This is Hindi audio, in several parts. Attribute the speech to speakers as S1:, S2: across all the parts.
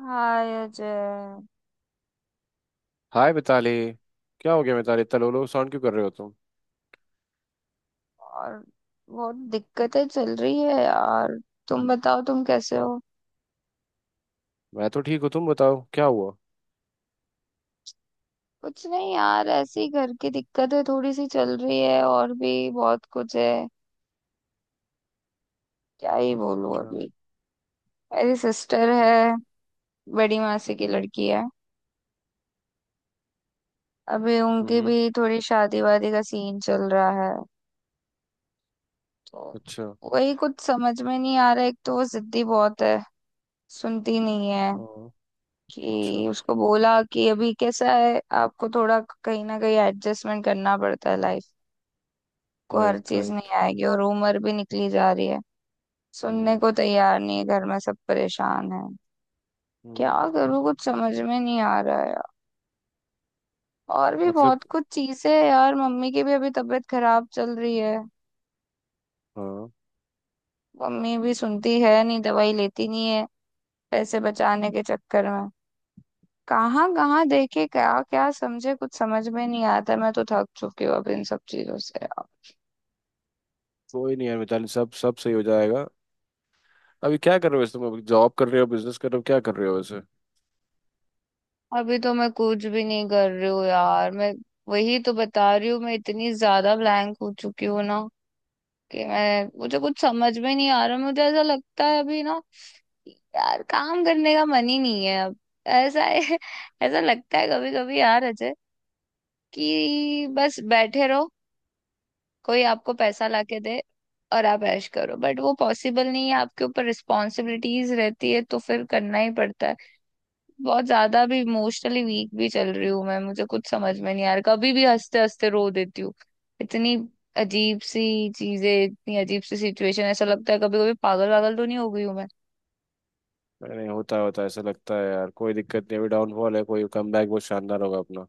S1: हाय अजय।
S2: हाय मिताली। क्या हो गया मिताली, इतना लो लो साउंड क्यों कर रहे हो तुम?
S1: और बहुत दिक्कतें चल रही है यार। तुम बताओ, तुम कैसे हो?
S2: मैं तो ठीक हूँ, तुम बताओ क्या हुआ।
S1: कुछ नहीं यार, ऐसे ही घर की दिक्कतें थोड़ी सी चल रही है और भी बहुत कुछ है। क्या ही बोलूं
S2: अच्छा।
S1: अभी। मेरी सिस्टर है, बड़ी मासी की लड़की है। अभी उनकी
S2: हम्म।
S1: भी थोड़ी शादी वादी का सीन चल रहा है, तो
S2: अच्छा।
S1: वही कुछ समझ में नहीं आ रहा। एक तो वो जिद्दी बहुत है, सुनती नहीं है।
S2: हाँ। अच्छा।
S1: कि उसको बोला कि अभी कैसा है, आपको थोड़ा कहीं ना कहीं एडजस्टमेंट करना पड़ता है, लाइफ को हर
S2: राइट,
S1: चीज नहीं
S2: राइट।
S1: आएगी, और उम्र भी निकली जा रही है। सुनने
S2: हम्म।
S1: को तैयार नहीं है, घर में सब परेशान है। क्या
S2: हम्म।
S1: करूँ, कुछ समझ में नहीं आ रहा है। और भी
S2: मतलब।
S1: बहुत कुछ चीजें है यार, मम्मी की भी अभी तबीयत खराब चल रही है।
S2: हाँ।
S1: मम्मी भी सुनती है नहीं, दवाई लेती नहीं है, पैसे बचाने के चक्कर में। कहाँ कहाँ देखे, क्या क्या समझे, कुछ समझ में नहीं आता। मैं तो थक चुकी हूँ अब इन सब चीजों से।
S2: कोई नहीं यार मिताली, सब सब सही हो जाएगा। अभी क्या कर रहे हो वैसे, तुम अभी जॉब कर रहे हो, बिजनेस कर रहे हो, क्या कर रहे हो वैसे?
S1: अभी तो मैं कुछ भी नहीं कर रही हूँ यार, मैं वही तो बता रही हूँ। मैं इतनी ज्यादा ब्लैंक हो चुकी हूँ ना, कि मैं मुझे कुछ समझ में नहीं आ रहा। मुझे ऐसा लगता है अभी ना, यार काम करने का मन ही नहीं है अब। ऐसा है ऐसा लगता है कभी कभी यार अजय, कि बस बैठे रहो, कोई आपको पैसा लाके दे, और आप ऐश करो। बट वो पॉसिबल नहीं है, आपके ऊपर रिस्पॉन्सिबिलिटीज रहती है, तो फिर करना ही पड़ता है। बहुत ज्यादा भी इमोशनली वीक भी चल रही हूँ मैं, मुझे कुछ समझ में नहीं आ रहा, कभी भी हंसते हंसते रो देती हूँ। इतनी अजीब सी चीजें, इतनी अजीब सी सिचुएशन, ऐसा लगता है कभी कभी पागल वागल तो नहीं हो गई हूँ मैं।
S2: नहीं, होता है, होता है ऐसा लगता है यार, कोई दिक्कत नहीं। अभी डाउनफॉल है, कोई कम बैक बहुत शानदार होगा अपना।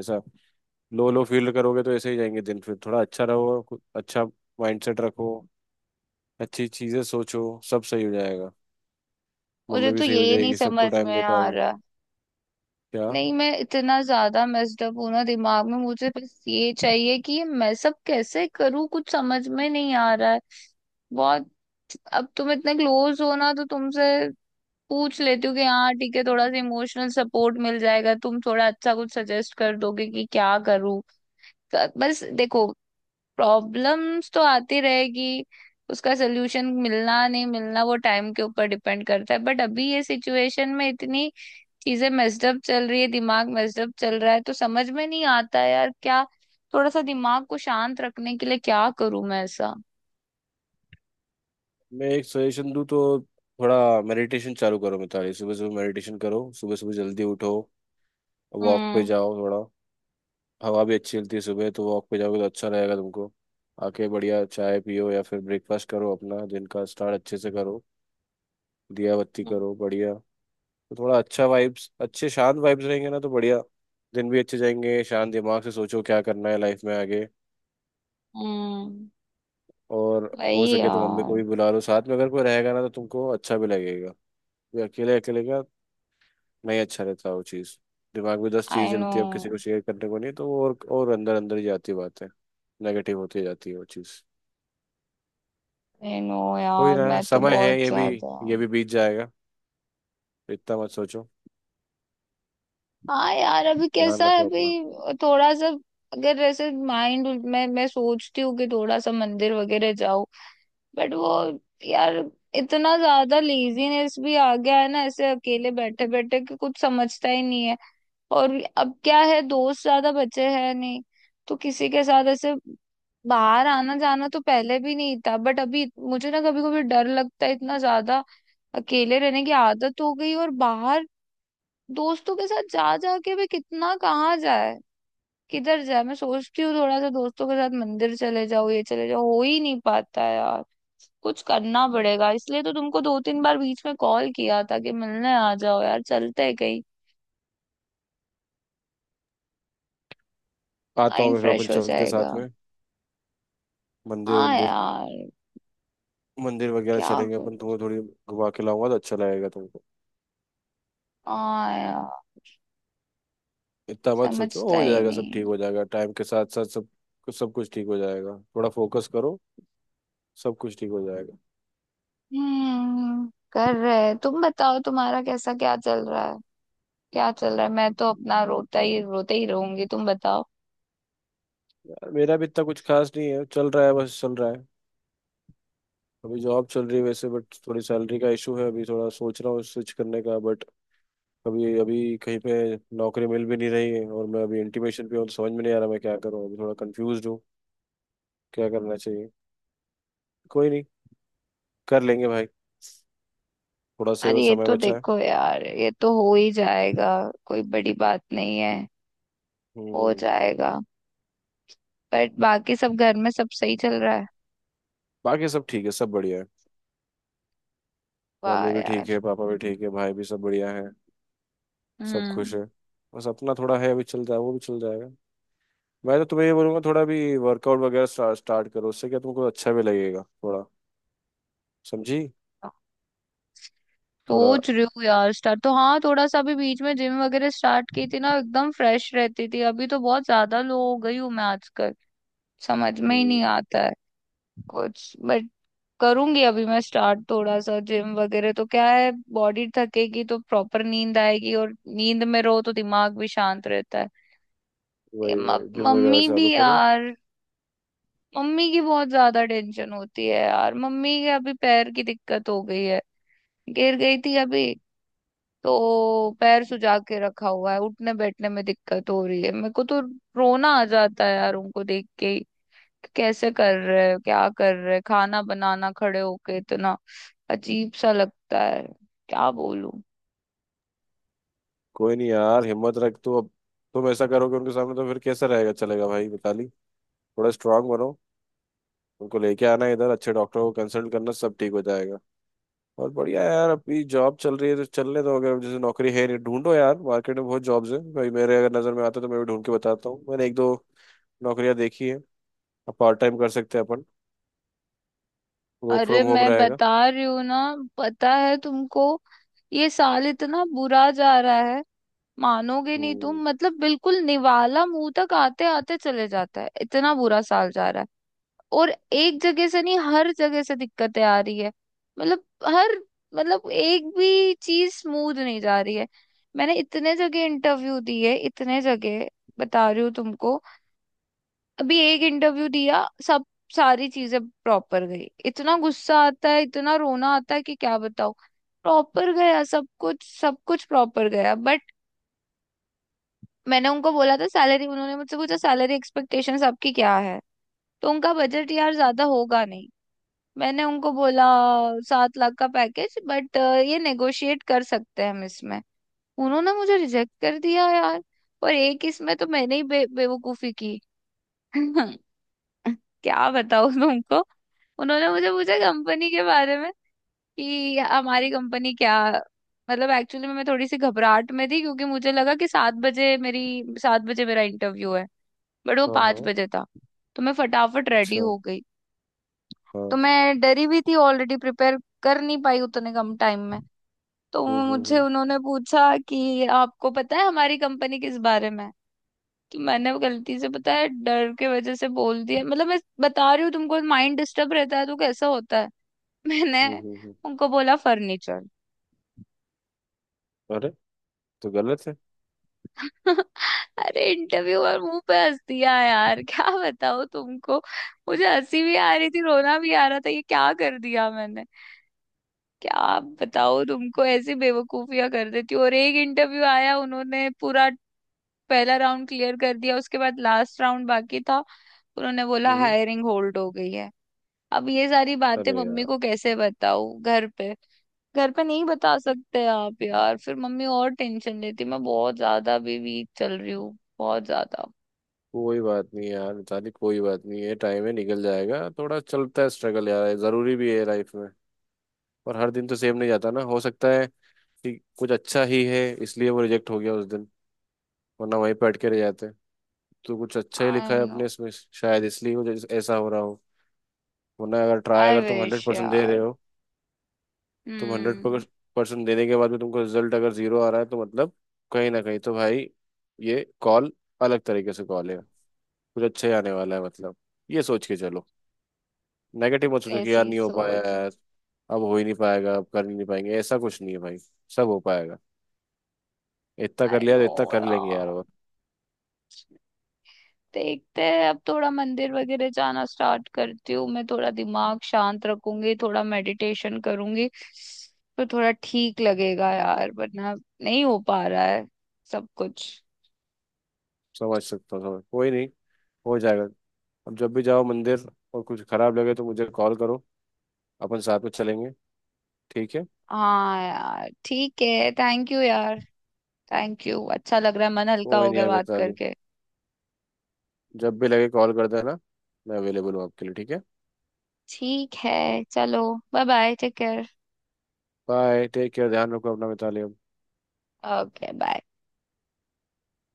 S2: ऐसा लो लो फील करोगे तो ऐसे ही जाएंगे दिन। फिर थोड़ा अच्छा रहो, अच्छा माइंडसेट रखो। अच्छी चीजें सोचो। सब सही हो जाएगा।
S1: मुझे
S2: मम्मी भी
S1: तो
S2: सही हो
S1: ये नहीं
S2: जाएगी, सबको
S1: समझ
S2: टाइम
S1: में
S2: दे
S1: आ
S2: पाओगे।
S1: रहा।
S2: क्या?
S1: नहीं, मैं इतना ज्यादा मेस्ड अप हूं ना दिमाग में, मुझे बस ये चाहिए कि ये मैं सब कैसे करूँ, कुछ समझ में नहीं आ रहा है बहुत। अब तुम इतने क्लोज हो ना, तो तुमसे पूछ लेती हूँ कि हाँ ठीक है, थोड़ा सा इमोशनल सपोर्ट मिल जाएगा, तुम थोड़ा अच्छा कुछ सजेस्ट कर दोगे कि क्या करूँ। बस देखो, प्रॉब्लम्स तो आती रहेगी, उसका सोल्यूशन मिलना नहीं मिलना वो टाइम के ऊपर डिपेंड करता है। बट अभी ये सिचुएशन में इतनी चीजें मेस्डअप चल रही है, दिमाग मेस्डअप चल रहा है, तो समझ में नहीं आता है यार क्या। थोड़ा सा दिमाग को शांत रखने के लिए क्या करूँ मैं ऐसा।
S2: मैं एक सजेशन दूँ तो थोड़ा मेडिटेशन चालू करो मिताली। सुबह सुबह मेडिटेशन करो, सुबह सुबह जल्दी उठो। वॉक पे
S1: हम्म
S2: जाओ थोड़ा। हवा भी अच्छी चलती है सुबह, तो वॉक पे जाओगे तो अच्छा रहेगा तुमको। आके बढ़िया चाय पियो या फिर ब्रेकफास्ट करो, अपना दिन का स्टार्ट अच्छे से करो। दिया बत्ती
S1: हम्म
S2: करो बढ़िया। तो थोड़ा अच्छा वाइब्स, अच्छे शांत वाइब्स रहेंगे ना तो बढ़िया, दिन भी अच्छे जाएंगे। शांत दिमाग से सोचो क्या करना है लाइफ में आगे।
S1: हम्म,
S2: और हो
S1: वही
S2: सके तो मम्मी
S1: यार।
S2: को भी बुला लो साथ में, अगर कोई रहेगा ना तो तुमको अच्छा भी लगेगा। ये अकेले अकेले का नहीं अच्छा रहता वो चीज़। दिमाग में दस
S1: आई
S2: चीज़ें
S1: नो,
S2: चलती है, अब किसी को शेयर करने को नहीं तो वो और अंदर अंदर ही जाती बात है। नेगेटिव होती जाती है वो चीज़।
S1: नहीं नो
S2: कोई
S1: यार,
S2: ना,
S1: मैं तो
S2: समय
S1: बहुत
S2: है ये भी,
S1: ज्यादा।
S2: ये भी बीत जाएगा। इतना मत सोचो।
S1: हाँ यार, अभी कैसा
S2: ध्यान
S1: है,
S2: रखो अपना।
S1: अभी थोड़ा सा अगर ऐसे माइंड मैं सोचती हूँ कि थोड़ा सा मंदिर वगैरह जाऊं, बट वो यार, इतना ज्यादा लेजीनेस भी आ गया है ना ऐसे अकेले बैठे बैठे, कि कुछ समझता ही नहीं है। और अब क्या है, दोस्त ज्यादा बचे हैं नहीं, तो किसी के साथ ऐसे बाहर आना जाना तो पहले भी नहीं था। बट अभी मुझे ना कभी कभी डर लगता है इतना ज्यादा, अकेले रहने की आदत हो गई, और बाहर दोस्तों के साथ जा जाके भी कितना, कहाँ जाए, किधर जाए। मैं सोचती हूँ थोड़ा सा दोस्तों के साथ मंदिर चले जाओ, ये चले जाओ, हो ही नहीं पाता है यार। कुछ करना पड़ेगा, इसलिए तो तुमको 2-3 बार बीच में कॉल किया था, कि मिलने आ जाओ यार, चलते हैं कहीं,
S2: आता हूँ
S1: माइंड
S2: मैं फिर, अपन
S1: फ्रेश हो
S2: चलते
S1: जाएगा।
S2: साथ में। मंदिर
S1: हाँ
S2: मंदिर
S1: यार,
S2: मंदिर वगैरह
S1: क्या
S2: चलेंगे
S1: करूँ,
S2: अपन, तुम्हें थोड़ी घुमा के लाऊंगा तो अच्छा लगेगा तुमको।
S1: हाँ यार,
S2: इतना मत सोचो,
S1: समझता
S2: हो
S1: ही
S2: जाएगा, सब ठीक
S1: नहीं।
S2: हो जाएगा टाइम के साथ साथ। सब सब कुछ ठीक हो जाएगा, थोड़ा फोकस करो। सब कुछ ठीक हो जाएगा।
S1: हम्म, कर रहे। तुम बताओ, तुम्हारा कैसा क्या चल रहा है? क्या चल रहा है, मैं तो अपना रोता ही, रोते ही रहूंगी, तुम बताओ।
S2: यार मेरा भी इतना कुछ खास नहीं है, चल रहा है बस चल रहा है। अभी जॉब चल रही है वैसे बट थोड़ी सैलरी का इशू है, अभी थोड़ा सोच रहा हूँ स्विच करने का बट अभी अभी कहीं पे नौकरी मिल भी नहीं रही है, और मैं अभी इंटीमेशन पे हूँ तो समझ में नहीं आ रहा मैं क्या करूँ, अभी थोड़ा कंफ्यूज हूँ क्या करना चाहिए। कोई नहीं, कर लेंगे भाई, थोड़ा सही
S1: अरे
S2: और
S1: ये
S2: समय
S1: तो
S2: बचा है।
S1: देखो यार, ये तो हो ही जाएगा, कोई बड़ी बात नहीं है, हो
S2: हम्म।
S1: जाएगा। बट बाकी सब, घर में सब सही चल रहा है?
S2: बाकी सब ठीक है, सब बढ़िया है।
S1: वाह
S2: मम्मी भी ठीक
S1: यार।
S2: है, पापा भी ठीक है, भाई भी, सब बढ़िया है। सब
S1: हम्म।
S2: खुश है। बस अपना थोड़ा है, अभी चल जाए, वो भी चल जाएगा। मैं तो तुम्हें ये बोलूंगा, थोड़ा भी वर्कआउट वगैरह स्टार्ट स्टार्ट करो, उससे क्या तुमको अच्छा भी लगेगा थोड़ा। समझी? थोड़ा।
S1: सोच रही हूँ यार, स्टार्ट तो हाँ, थोड़ा सा अभी बीच में जिम वगैरह स्टार्ट की थी ना, एकदम फ्रेश रहती थी। अभी तो बहुत ज्यादा लो हो गई हूँ मैं आजकल, समझ में ही
S2: हम्म।
S1: नहीं आता है कुछ। बट करूंगी अभी मैं स्टार्ट, थोड़ा सा जिम वगैरह, तो क्या है बॉडी थकेगी तो प्रॉपर नींद आएगी, और नींद में रहो तो दिमाग भी शांत रहता है। ये
S2: वही
S1: म-
S2: वही जिम
S1: मम्मी
S2: वगैरह
S1: भी
S2: चालू करो।
S1: यार, मम्मी की बहुत ज्यादा टेंशन होती है यार। मम्मी के अभी पैर की दिक्कत हो गई है, गिर गई थी अभी, तो पैर सुजा के रखा हुआ है, उठने बैठने में दिक्कत हो रही है। मेरे को तो रोना आ जाता है यार उनको देख के ही, कि कैसे कर रहे हैं क्या कर रहे हैं, खाना बनाना खड़े होके, इतना अजीब सा लगता है, क्या बोलूं।
S2: कोई नहीं यार, हिम्मत रख तो अब। तुम ऐसा करोगे उनके सामने तो फिर कैसा रहेगा, चलेगा भाई मिताली? थोड़ा स्ट्रांग बनो। उनको लेके आना इधर, अच्छे डॉक्टर को कंसल्ट करना, सब ठीक हो जाएगा। बहुत बढ़िया है यार, अभी जॉब चल रही है तो चलने दो। अगर जैसे नौकरी है नहीं, ढूंढो यार, मार्केट में बहुत जॉब्स हैं भाई मेरे। अगर नज़र में आते तो मैं भी ढूंढ के बताता हूँ, मैंने एक दो नौकरियां देखी है। अब पार्ट टाइम कर सकते हैं अपन, वर्क
S1: अरे
S2: फ्रॉम होम
S1: मैं
S2: रहेगा।
S1: बता रही हूँ ना, पता है तुमको, ये साल इतना बुरा जा रहा है, मानोगे नहीं
S2: हम्म।
S1: तुम, मतलब बिल्कुल निवाला मुंह तक आते आते चले जाता है, इतना बुरा साल जा रहा है। और एक जगह से नहीं, हर जगह से दिक्कतें आ रही है। मतलब, हर, मतलब एक भी चीज स्मूथ नहीं जा रही है। मैंने इतने जगह इंटरव्यू दिए, इतने जगह, बता रही हूँ तुमको। अभी एक इंटरव्यू दिया, सब सारी चीजें प्रॉपर गई, इतना गुस्सा आता है, इतना रोना आता है कि क्या बताऊं। प्रॉपर गया सब कुछ, सब कुछ प्रॉपर गया बट। मैंने उनको बोला था सैलरी, उन्होंने मुझसे पूछा सैलरी एक्सपेक्टेशंस आपकी क्या है, तो उनका बजट यार ज्यादा होगा नहीं। मैंने उनको बोला 7 लाख का पैकेज, बट ये नेगोशिएट कर सकते हैं हम इसमें। उन्होंने मुझे रिजेक्ट कर दिया यार। और एक इसमें तो मैंने ही बेवकूफी की। क्या बताऊं तुमको। उन्होंने मुझे पूछा कंपनी के बारे में, कि हमारी कंपनी क्या, मतलब एक्चुअली मैं थोड़ी सी घबराहट में थी, क्योंकि मुझे लगा कि 7 बजे मेरा इंटरव्यू है, बट वो
S2: हाँ,
S1: पाँच
S2: हाँ।
S1: बजे था। तो मैं फटाफट रेडी
S2: अच्छा।
S1: हो गई, तो
S2: हाँ।
S1: मैं डरी भी थी ऑलरेडी, प्रिपेयर कर नहीं पाई उतने कम टाइम में। तो
S2: हम्म, हम्म,
S1: मुझे
S2: हम्म।
S1: उन्होंने पूछा कि आपको पता है हमारी कंपनी किस बारे में है? तो मैंने वो गलती से, पता है, डर के वजह से बोल दिया, मतलब मैं बता रही हूँ तुमको, माइंड डिस्टर्ब रहता है तो कैसा होता है। मैंने
S2: हम्म।
S1: उनको बोला फर्नीचर।
S2: अरे, तो गलत है।
S1: अरे इंटरव्यूअर मुंह पे हंस दिया यार, क्या बताओ तुमको। मुझे हंसी भी आ रही थी, रोना भी आ रहा था, ये क्या कर दिया मैंने, क्या बताओ तुमको, ऐसी बेवकूफियां कर देती हूँ। और एक इंटरव्यू आया, उन्होंने पूरा पहला राउंड क्लियर कर दिया, उसके बाद लास्ट राउंड बाकी था, उन्होंने बोला
S2: हम्म।
S1: हायरिंग होल्ड हो गई है। अब ये सारी बातें
S2: अरे
S1: मम्मी
S2: यार,
S1: को कैसे बताऊं घर पे? घर पे नहीं बता सकते आप यार, फिर मम्मी और टेंशन लेती, मैं बहुत ज्यादा भी वीक चल रही हूँ, बहुत ज्यादा।
S2: कोई बात नहीं यार मिताली, कोई बात नहीं है, टाइम है, निकल जाएगा। थोड़ा चलता है स्ट्रगल यार, ये जरूरी भी है लाइफ में। और हर दिन तो सेम नहीं जाता ना। हो सकता है कि कुछ अच्छा ही है इसलिए वो रिजेक्ट हो गया उस दिन, वरना वहीं पे अटके रह जाते। तो कुछ अच्छा ही लिखा
S1: आई
S2: है
S1: नो,
S2: अपने इसमें शायद, इसलिए वो ऐसा हो रहा हो। वरना अगर ट्राई,
S1: आई
S2: अगर तुम हंड्रेड
S1: विश
S2: परसेंट दे
S1: यार।
S2: रहे हो, तुम हंड्रेड
S1: हम्म,
S2: परसेंट देने के बाद भी तुमको रिजल्ट अगर 0 आ रहा है तो मतलब कहीं ना कहीं तो भाई ये कॉल, अलग तरीके से कॉल है, कुछ अच्छा ही आने वाला है मतलब। ये सोच के चलो। नेगेटिव मत सोचो कि यार
S1: ऐसी
S2: नहीं हो पाया
S1: सोच।
S2: यार, अब हो ही नहीं पाएगा, अब कर ही नहीं पाएंगे, ऐसा कुछ नहीं है भाई। सब हो पाएगा। इतना कर
S1: आई
S2: लिया तो
S1: नो
S2: इतना कर लेंगे यार।
S1: यार,
S2: और
S1: देखते हैं, अब थोड़ा मंदिर वगैरह जाना स्टार्ट करती हूँ मैं, थोड़ा दिमाग शांत रखूंगी, थोड़ा मेडिटेशन करूंगी, तो थोड़ा ठीक लगेगा यार, वरना नहीं हो पा रहा है सब कुछ।
S2: समझ सकता हूँ, समझ कोई नहीं, हो जाएगा। अब जब भी जाओ मंदिर और कुछ खराब लगे तो मुझे कॉल करो, अपन साथ में चलेंगे। ठीक है?
S1: हाँ यार ठीक है, थैंक यू यार, थैंक यू, अच्छा लग रहा है, मन हल्का
S2: कोई
S1: हो
S2: नहीं
S1: गया
S2: है
S1: बात
S2: मिताली,
S1: करके।
S2: जब भी लगे कॉल कर देना, मैं अवेलेबल हूँ आपके लिए, ठीक है?
S1: ठीक है, चलो, bye bye, take care.
S2: Bye. Take care. ध्यान रखो अपना मिताली अब।
S1: Okay bye.